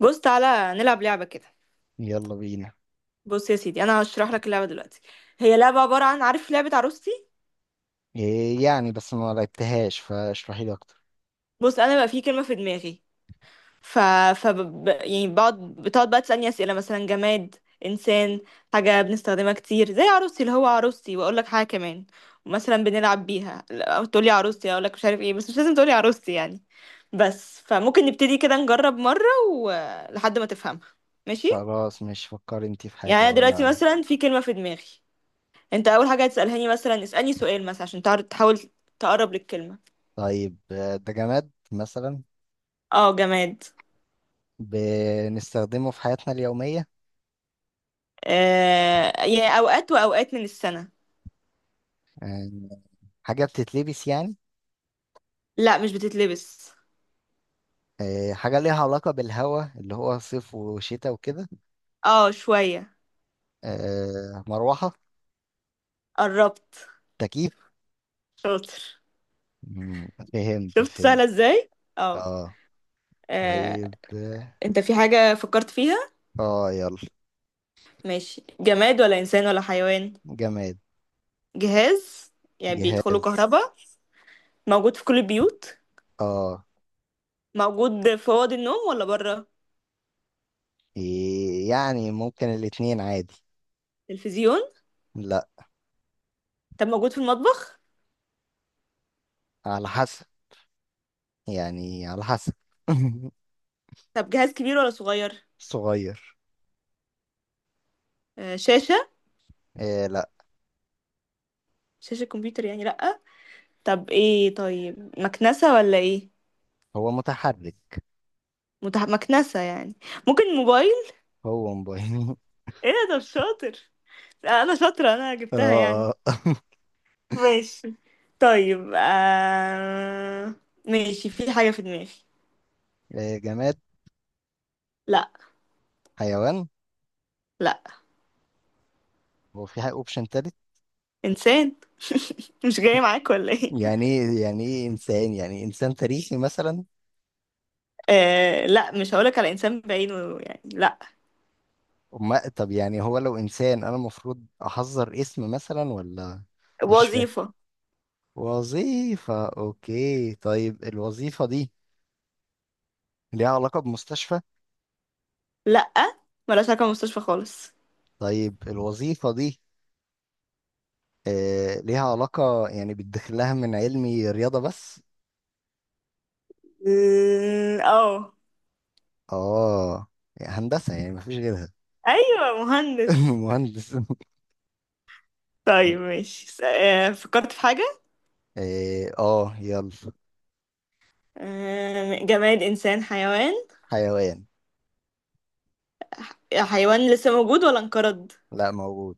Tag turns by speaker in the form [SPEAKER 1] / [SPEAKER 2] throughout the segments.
[SPEAKER 1] بص تعالى نلعب لعبة كده.
[SPEAKER 2] يلا بينا.
[SPEAKER 1] بص يا سيدي انا هشرح لك اللعبة دلوقتي. هي لعبة عبارة عن عارف لعبة عروستي.
[SPEAKER 2] إيه يعني بس ما لعبتهاش، فاشرحي لي اكتر.
[SPEAKER 1] بص انا بقى في كلمة في دماغي. ف يعني بقعد بتقعد بقى تسألني أسئلة، مثلا جماد، انسان، حاجة بنستخدمها كتير زي عروستي، اللي هو عروستي واقول لك حاجة كمان. مثلا بنلعب بيها، لا، تقول لي عروستي، اقول لك مش عارف ايه، بس مش لازم تقول لي عروستي يعني. بس فممكن نبتدي كده نجرب مرة ولحد ما تفهمها. ماشي.
[SPEAKER 2] خلاص، مش فكري انت في
[SPEAKER 1] يعني
[SPEAKER 2] حاجة
[SPEAKER 1] انا دلوقتي
[SPEAKER 2] وانا.
[SPEAKER 1] مثلا في كلمة في دماغي، انت اول حاجه هتسالهاني، مثلا اسالني سؤال مثلا عشان تحاول تقرب للكلمه.
[SPEAKER 2] طيب، ده جماد مثلا؟
[SPEAKER 1] اه جماد.
[SPEAKER 2] بنستخدمه في حياتنا اليومية.
[SPEAKER 1] آه يعني اوقات واوقات من السنه.
[SPEAKER 2] آه، حاجة بتتلبس يعني؟
[SPEAKER 1] لا مش بتتلبس.
[SPEAKER 2] حاجة ليها علاقة بالهواء اللي هو صيف وشتاء وكده؟
[SPEAKER 1] اه شويه.
[SPEAKER 2] مروحة؟
[SPEAKER 1] قربت.
[SPEAKER 2] تكييف.
[SPEAKER 1] شاطر.
[SPEAKER 2] مم، فهمت
[SPEAKER 1] شفت
[SPEAKER 2] فهمت.
[SPEAKER 1] سهله ازاي. اه.
[SPEAKER 2] اه.
[SPEAKER 1] آه،
[SPEAKER 2] طيب اه.
[SPEAKER 1] انت في حاجه فكرت فيها؟
[SPEAKER 2] يلا.
[SPEAKER 1] ماشي، جماد ولا انسان ولا حيوان؟
[SPEAKER 2] جماد.
[SPEAKER 1] جهاز. يعني بيدخله
[SPEAKER 2] جهاز.
[SPEAKER 1] كهرباء. موجود في كل البيوت.
[SPEAKER 2] اه.
[SPEAKER 1] موجود في اوض النوم ولا بره؟
[SPEAKER 2] إيه يعني، ممكن الاتنين عادي.
[SPEAKER 1] تلفزيون.
[SPEAKER 2] لا.
[SPEAKER 1] طب موجود في المطبخ؟
[SPEAKER 2] على حسب يعني، على حسب.
[SPEAKER 1] طب جهاز كبير ولا صغير؟
[SPEAKER 2] صغير.
[SPEAKER 1] شاشه.
[SPEAKER 2] إيه لا.
[SPEAKER 1] شاشة كمبيوتر يعني لأ. طب ايه، طيب مكنسة ولا ايه؟
[SPEAKER 2] هو متحرك.
[SPEAKER 1] مكنسة يعني. ممكن موبايل.
[SPEAKER 2] هو موبايل.
[SPEAKER 1] ايه ده، طب شاطر. لا انا شاطرة، انا جبتها يعني.
[SPEAKER 2] اه. اه.
[SPEAKER 1] ماشي. طيب ماشي، في حاجة في دماغي.
[SPEAKER 2] إيه، جماد.
[SPEAKER 1] لا.
[SPEAKER 2] حيوان.
[SPEAKER 1] لا.
[SPEAKER 2] هو في اوبشن تالت؟
[SPEAKER 1] انسان. مش جاي معاك ولا ايه؟
[SPEAKER 2] يعني ايه انسان، يعني انسان تاريخي مثلا؟
[SPEAKER 1] لا مش هقولك على انسان بعينه يعني، لا.
[SPEAKER 2] ما طب، يعني هو لو انسان انا المفروض احذر اسم مثلا ولا؟ مش فاهم.
[SPEAKER 1] وظيفة.
[SPEAKER 2] وظيفة. اوكي، طيب الوظيفة دي ليها علاقة بمستشفى؟
[SPEAKER 1] لا، ملهاش علاقة بالمستشفى خالص.
[SPEAKER 2] طيب الوظيفة دي ليها علاقة يعني بتدخل لها من علمي رياضة بس؟
[SPEAKER 1] اه.
[SPEAKER 2] اه. يعني هندسة، يعني مفيش غيرها.
[SPEAKER 1] ايوه مهندس.
[SPEAKER 2] مهندس.
[SPEAKER 1] طيب ماشي، فكرت في حاجة.
[SPEAKER 2] إيه، اه يلا.
[SPEAKER 1] جماد، إنسان، حيوان؟
[SPEAKER 2] حيوان.
[SPEAKER 1] حيوان لسه موجود ولا انقرض؟
[SPEAKER 2] لا موجود.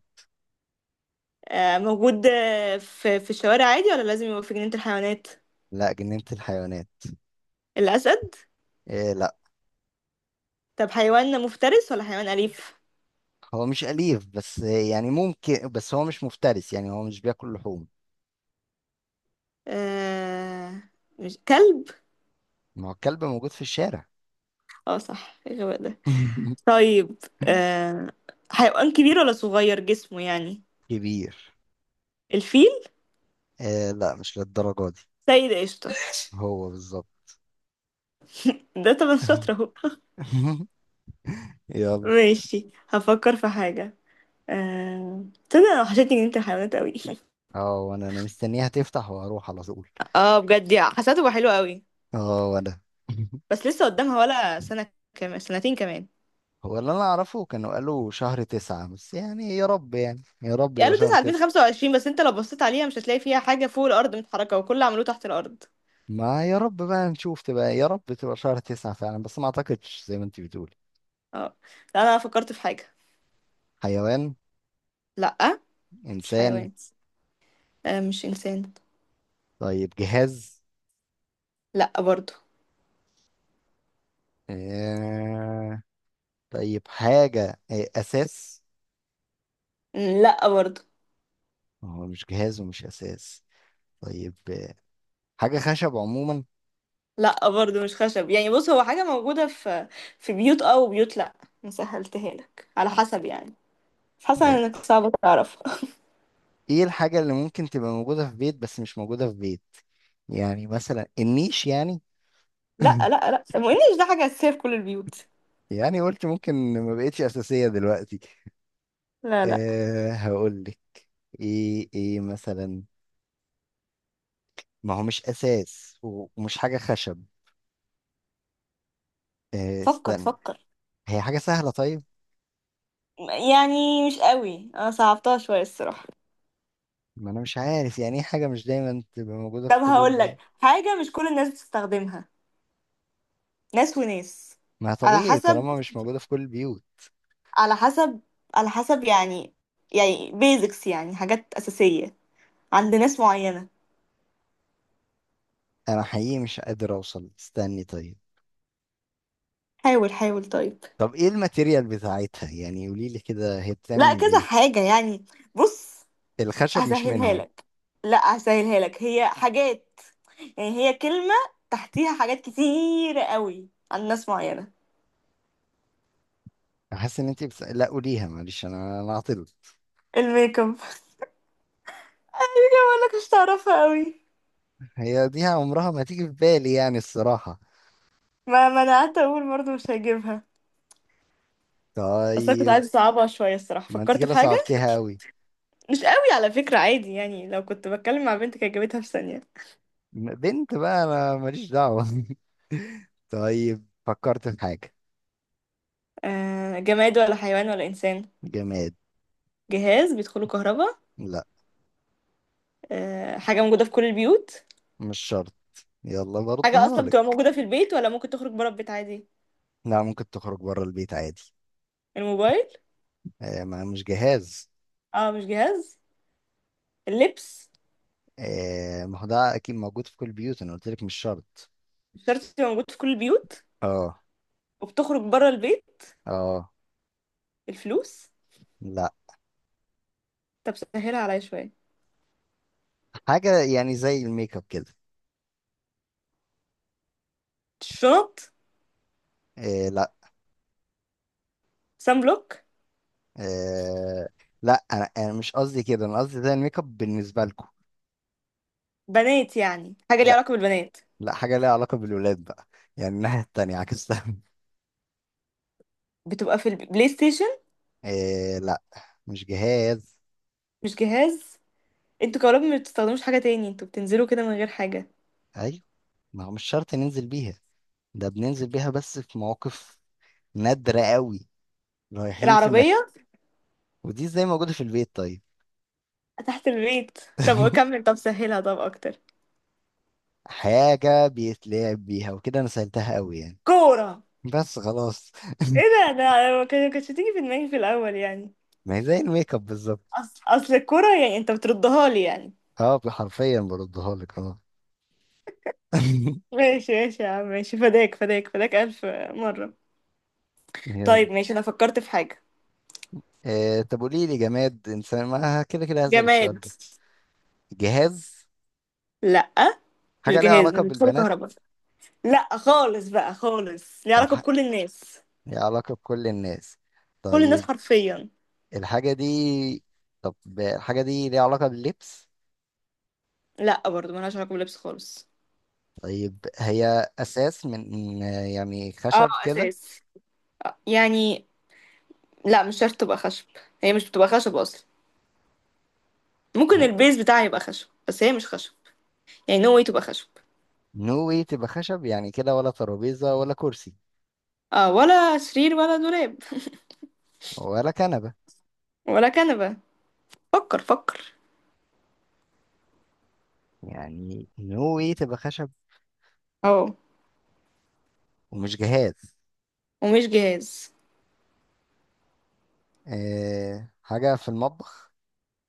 [SPEAKER 1] موجود. في الشوارع عادي ولا لازم يبقى في جنينة الحيوانات؟
[SPEAKER 2] لا، جنينة الحيوانات.
[SPEAKER 1] الأسد.
[SPEAKER 2] إيه لا.
[SPEAKER 1] طب حيوان مفترس ولا حيوان أليف؟
[SPEAKER 2] هو مش أليف بس يعني ممكن، بس هو مش مفترس، يعني هو مش بياكل لحوم.
[SPEAKER 1] آه. مش كلب؟
[SPEAKER 2] ما هو الكلب موجود في الشارع.
[SPEAKER 1] اه صح، إيه الغباء ده. طيب. آه. حيوان كبير ولا صغير جسمه يعني؟
[SPEAKER 2] كبير.
[SPEAKER 1] الفيل.
[SPEAKER 2] إيه لا، مش للدرجة دي.
[SPEAKER 1] سيد قشطة.
[SPEAKER 2] هو بالظبط.
[SPEAKER 1] ده طبعا شاطر اهو.
[SPEAKER 2] يلا.
[SPEAKER 1] ماشي هفكر في حاجة. آه... تصدق انا وحشتني جنينة الحيوانات قوي.
[SPEAKER 2] اه، وانا مستنيها تفتح وهروح على طول.
[SPEAKER 1] اه بجد يا، حسيته بقى حلو قوي.
[SPEAKER 2] اه وانا.
[SPEAKER 1] بس لسه قدامها ولا سنة كمان، سنتين كمان؟
[SPEAKER 2] هو اللي انا اعرفه كانوا قالوا شهر تسعة، بس يعني يا رب، يعني يا رب يبقى
[SPEAKER 1] قالوا
[SPEAKER 2] شهر تسعة.
[SPEAKER 1] 9 بس انت لو بصيت عليها مش هتلاقي فيها حاجة فوق الأرض متحركة، وكل اللي عملوه تحت الأرض.
[SPEAKER 2] ما يا رب بقى نشوف، تبقى يا رب تبقى شهر تسعة فعلا، بس ما اعتقدش زي ما انت بتقول.
[SPEAKER 1] اه. لا أنا فكرت في حاجة.
[SPEAKER 2] حيوان.
[SPEAKER 1] لأ. مش
[SPEAKER 2] انسان.
[SPEAKER 1] حيوان. آه مش إنسان.
[SPEAKER 2] طيب، جهاز.
[SPEAKER 1] لأ برضو.
[SPEAKER 2] آه... طيب، حاجة. اساس.
[SPEAKER 1] لأ برضو.
[SPEAKER 2] هو مش جهاز ومش اساس. طيب، حاجة خشب عموما.
[SPEAKER 1] لأ برضو مش خشب يعني. بص هو حاجة موجودة في في بيوت اه، وبيوت لأ. مسهلتها لك على حسب يعني، حسب
[SPEAKER 2] يعني
[SPEAKER 1] انك صعب تعرف.
[SPEAKER 2] ايه الحاجة اللي ممكن تبقى موجودة في بيت بس مش موجودة في بيت؟ يعني مثلا النيش يعني؟
[SPEAKER 1] لا لا لا الانجليش ده حاجة أساسية في كل البيوت.
[SPEAKER 2] يعني قلت ممكن. ما بقتش اساسيه دلوقتي.
[SPEAKER 1] لا لا.
[SPEAKER 2] أه، هقول لك. ايه مثلا؟ ما هو مش اساس ومش حاجه خشب. أه
[SPEAKER 1] فكر
[SPEAKER 2] استنى.
[SPEAKER 1] فكر.
[SPEAKER 2] هي حاجه سهله طيب.
[SPEAKER 1] يعني مش قوي، انا صعبتها شوية الصراحة.
[SPEAKER 2] ما انا مش عارف، يعني ايه حاجه مش دايما تبقى موجوده
[SPEAKER 1] طب
[SPEAKER 2] في كل
[SPEAKER 1] هقول
[SPEAKER 2] البيوت؟
[SPEAKER 1] لك حاجة مش كل الناس بتستخدمها، ناس وناس.
[SPEAKER 2] ما
[SPEAKER 1] على
[SPEAKER 2] طبيعي
[SPEAKER 1] حسب،
[SPEAKER 2] طالما مش موجوده في كل البيوت.
[SPEAKER 1] على حسب، على حسب يعني. يعني بيزكس يعني حاجات أساسية عند ناس معينة.
[SPEAKER 2] انا حقيقي مش قادر اوصل، استني طيب.
[SPEAKER 1] حاول حاول طيب.
[SPEAKER 2] طب ايه الماتيريال بتاعتها؟ يعني قولي لي كده، هي بتعمل
[SPEAKER 1] لا
[SPEAKER 2] من
[SPEAKER 1] كذا
[SPEAKER 2] ايه؟
[SPEAKER 1] حاجة يعني. بص
[SPEAKER 2] الخشب مش
[SPEAKER 1] هسهلها
[SPEAKER 2] منهم.
[SPEAKER 1] لك. لا هسهلها لك، هي حاجات يعني، هي كلمة تحتيها حاجات كتير قوي عند ناس معينة.
[SPEAKER 2] حاسس ان انت بس... لا قوليها معلش، انا عاطل.
[SPEAKER 1] الميك اب. ايوه بقول لك مش تعرفها قوي.
[SPEAKER 2] هي دي عمرها ما تيجي في بالي يعني الصراحة.
[SPEAKER 1] ما منعت اقول برضه مش هجيبها. بس انا كنت
[SPEAKER 2] طيب.
[SPEAKER 1] عايزه اصعبها شويه الصراحه،
[SPEAKER 2] ما انت
[SPEAKER 1] فكرت في
[SPEAKER 2] كده
[SPEAKER 1] حاجه.
[SPEAKER 2] صعبتها قوي.
[SPEAKER 1] مش قوي على فكره، عادي يعني، لو كنت بتكلم مع بنت كانت جابتها في ثانيه.
[SPEAKER 2] بنت بقى انا ماليش دعوة. طيب، فكرت في حاجة.
[SPEAKER 1] آه جماد ولا حيوان ولا انسان؟
[SPEAKER 2] جماد.
[SPEAKER 1] جهاز بيدخله كهرباء؟
[SPEAKER 2] لا
[SPEAKER 1] آه حاجه موجوده في كل البيوت؟
[SPEAKER 2] مش شرط. يلا
[SPEAKER 1] حاجه
[SPEAKER 2] بردها
[SPEAKER 1] اصلا بتبقى
[SPEAKER 2] لك.
[SPEAKER 1] موجوده في البيت ولا ممكن تخرج بره البيت عادي؟
[SPEAKER 2] لا، ممكن تخرج بره البيت عادي.
[SPEAKER 1] الموبايل.
[SPEAKER 2] آه، ما مش جهاز.
[SPEAKER 1] اه مش جهاز. اللبس.
[SPEAKER 2] آه، ما هو ده اكيد موجود في كل البيوت، انا قلت لك مش شرط.
[SPEAKER 1] مش شرط تبقى موجود في كل البيوت
[SPEAKER 2] اه.
[SPEAKER 1] وبتخرج بره البيت.
[SPEAKER 2] اه.
[SPEAKER 1] الفلوس.
[SPEAKER 2] لا.
[SPEAKER 1] طب سهلها عليا شويه.
[SPEAKER 2] حاجة يعني زي الميك اب كده.
[SPEAKER 1] الشنط.
[SPEAKER 2] آه لا.
[SPEAKER 1] سان بلوك.
[SPEAKER 2] آه، لا انا مش قصدي كده، انا قصدي زي الميك اب بالنسبة لكم.
[SPEAKER 1] بنات يعني حاجه ليها
[SPEAKER 2] لا.
[SPEAKER 1] علاقه بالبنات؟
[SPEAKER 2] لا، حاجة ليها علاقة بالولاد بقى. يعني الناحية التانية عكستها.
[SPEAKER 1] بتبقى في البلاي ستيشن؟
[SPEAKER 2] إيه لا. مش جهاز.
[SPEAKER 1] مش جهاز. انتوا كهربا ما بتستخدموش حاجه تاني، انتوا بتنزلوا كده من غير حاجه.
[SPEAKER 2] أيوة. ما هو مش شرط ننزل بيها، ده بننزل بيها بس في مواقف نادرة قوي. رايحين في
[SPEAKER 1] العربيه.
[SPEAKER 2] مكة. ودي ازاي موجودة في البيت طيب؟
[SPEAKER 1] تحت البيت. طب كمل، طب سهلها، طب اكتر.
[SPEAKER 2] حاجة بيتلعب بيها وكده، أنا سألتها قوي يعني.
[SPEAKER 1] كوره.
[SPEAKER 2] بس خلاص.
[SPEAKER 1] ايه ده، ده أنا ما كانتش تيجي في دماغي في الاول يعني.
[SPEAKER 2] ما هي زي الميك اب بالظبط.
[SPEAKER 1] اصل الكوره يعني انت بتردها لي يعني.
[SPEAKER 2] اه، حرفيا بردها لك. اه.
[SPEAKER 1] ماشي ماشي يا عم ماشي، فداك فداك فداك الف مره.
[SPEAKER 2] يلا.
[SPEAKER 1] طيب ماشي انا فكرت في حاجه.
[SPEAKER 2] إيه، طب قولي لي جماد إنسان، ما كده كده هسأل السؤال
[SPEAKER 1] جماد.
[SPEAKER 2] ده. جهاز.
[SPEAKER 1] لا. مش
[SPEAKER 2] حاجة ليها
[SPEAKER 1] جهاز، مش
[SPEAKER 2] علاقة
[SPEAKER 1] بيدخلوا
[SPEAKER 2] بالبنات.
[SPEAKER 1] كهرباء. لا خالص بقى خالص، ليه
[SPEAKER 2] طب
[SPEAKER 1] علاقة
[SPEAKER 2] ح-
[SPEAKER 1] بكل الناس.
[SPEAKER 2] ليها علاقة بكل الناس؟
[SPEAKER 1] كل الناس
[SPEAKER 2] طيب.
[SPEAKER 1] حرفيا.
[SPEAKER 2] الحاجة دي. طب الحاجة دي ليها علاقة باللبس؟
[SPEAKER 1] لا برضو ملهاش علاقة باللبس خالص.
[SPEAKER 2] طيب، هي أساس من، يعني
[SPEAKER 1] اه
[SPEAKER 2] خشب كده؟
[SPEAKER 1] اساس. يعني لا مش شرط تبقى خشب. هي مش بتبقى خشب اصلا، ممكن
[SPEAKER 2] ما-
[SPEAKER 1] البيز بتاعها يبقى خشب بس هي مش خشب. يعني نو واي تبقى خشب.
[SPEAKER 2] نوي تبقى خشب، يعني كده؟ ولا ترابيزة ولا كرسي؟
[SPEAKER 1] اه ولا سرير ولا دولاب.
[SPEAKER 2] ولا كنبة؟
[SPEAKER 1] ولا كنبة. فكر فكر.
[SPEAKER 2] يعني نوي تبقى خشب
[SPEAKER 1] اه
[SPEAKER 2] ومش جهاز.
[SPEAKER 1] ومش جهاز.
[SPEAKER 2] أه، حاجة في المطبخ؟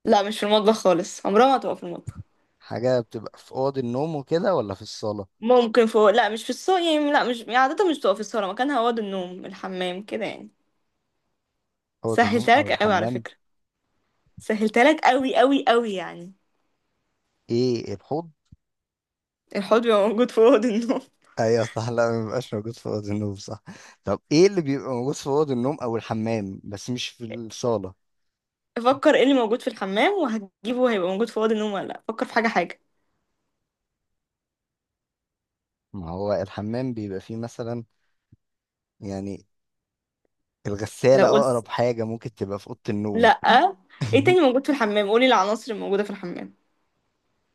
[SPEAKER 1] لا مش في المطبخ خالص، عمرها ما هتبقى في المطبخ.
[SPEAKER 2] حاجة بتبقى في أوض النوم وكده ولا في الصالة؟
[SPEAKER 1] ممكن فوق، لا مش في الصالة يعني، لا مش يعني عادة مش بتبقى في الصالة، مكانها أوض النوم، الحمام كده يعني.
[SPEAKER 2] أوض النوم
[SPEAKER 1] سهلتها
[SPEAKER 2] أو
[SPEAKER 1] لك قوي على
[SPEAKER 2] الحمام.
[SPEAKER 1] فكرة. سهلتها لك قوي قوي قوي يعني.
[SPEAKER 2] إيه، الحوض؟
[SPEAKER 1] الحوض بيبقى موجود في اوض النوم؟
[SPEAKER 2] ايوه صح، لا ما بيبقاش موجود في اوضه النوم صح. طب ايه اللي بيبقى موجود في اوضه النوم او الحمام بس مش في الصاله؟
[SPEAKER 1] افكر ايه اللي موجود في الحمام وهتجيبه وهيبقى موجود في اوض النوم ولا لا، فكر في حاجه حاجه.
[SPEAKER 2] ما هو الحمام بيبقى فيه مثلا، يعني الغساله
[SPEAKER 1] لو قلت،
[SPEAKER 2] اقرب حاجه ممكن تبقى في اوضه
[SPEAKER 1] لا.
[SPEAKER 2] النوم.
[SPEAKER 1] ايه تاني موجود في الحمام، قولي العناصر الموجوده في الحمام.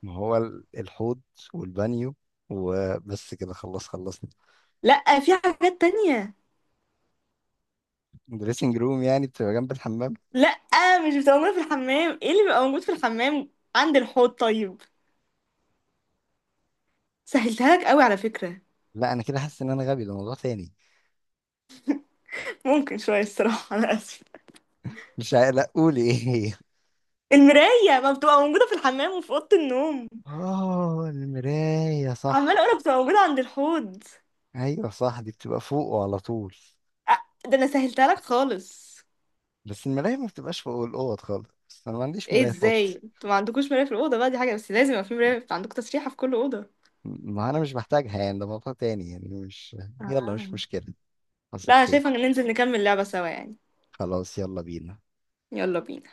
[SPEAKER 2] ما هو ال- الحوض والبانيو، وبس كده خلاص خلصنا.
[SPEAKER 1] لا في حاجات تانية.
[SPEAKER 2] دريسنج روم يعني بتبقى جنب الحمام.
[SPEAKER 1] لا مش بتبقى موجوده في الحمام، ايه اللي بيبقى موجود في الحمام عند الحوض طيب. سهلتها لك قوي على فكره.
[SPEAKER 2] لا، انا كده حاسس ان انا غبي، ده موضوع تاني.
[SPEAKER 1] ممكن شويه الصراحه انا اسفه.
[SPEAKER 2] مش عا- لا قولي. ايه هي؟
[SPEAKER 1] المرايه ما بتبقى موجوده في الحمام وفي اوضه النوم.
[SPEAKER 2] اه، المرايه
[SPEAKER 1] عماله
[SPEAKER 2] صح.
[SPEAKER 1] اقولك بتبقى موجوده عند الحوض.
[SPEAKER 2] ايوه صح، دي بتبقى فوقه على طول.
[SPEAKER 1] ده انا سهلتها لك خالص.
[SPEAKER 2] بس المراية ما بتبقاش فوق الأوض خالص، بس أنا ما عنديش
[SPEAKER 1] ايه
[SPEAKER 2] مراية في
[SPEAKER 1] ازاي
[SPEAKER 2] أوضتي.
[SPEAKER 1] انتوا ما عندكوش مراية في الأوضة بقى، دي حاجة بس لازم يبقى في مراية عندكم، تسريحة في كل أوضة.
[SPEAKER 2] ما أنا مش بحتاجها يعني، ده موضوع تاني يعني مش. يلا
[SPEAKER 1] آه.
[SPEAKER 2] مش مشكلة، حصل
[SPEAKER 1] لا انا شايفة
[SPEAKER 2] خير.
[SPEAKER 1] ان ننزل نكمل لعبة سوا يعني.
[SPEAKER 2] خلاص يلا بينا.
[SPEAKER 1] يلا بينا.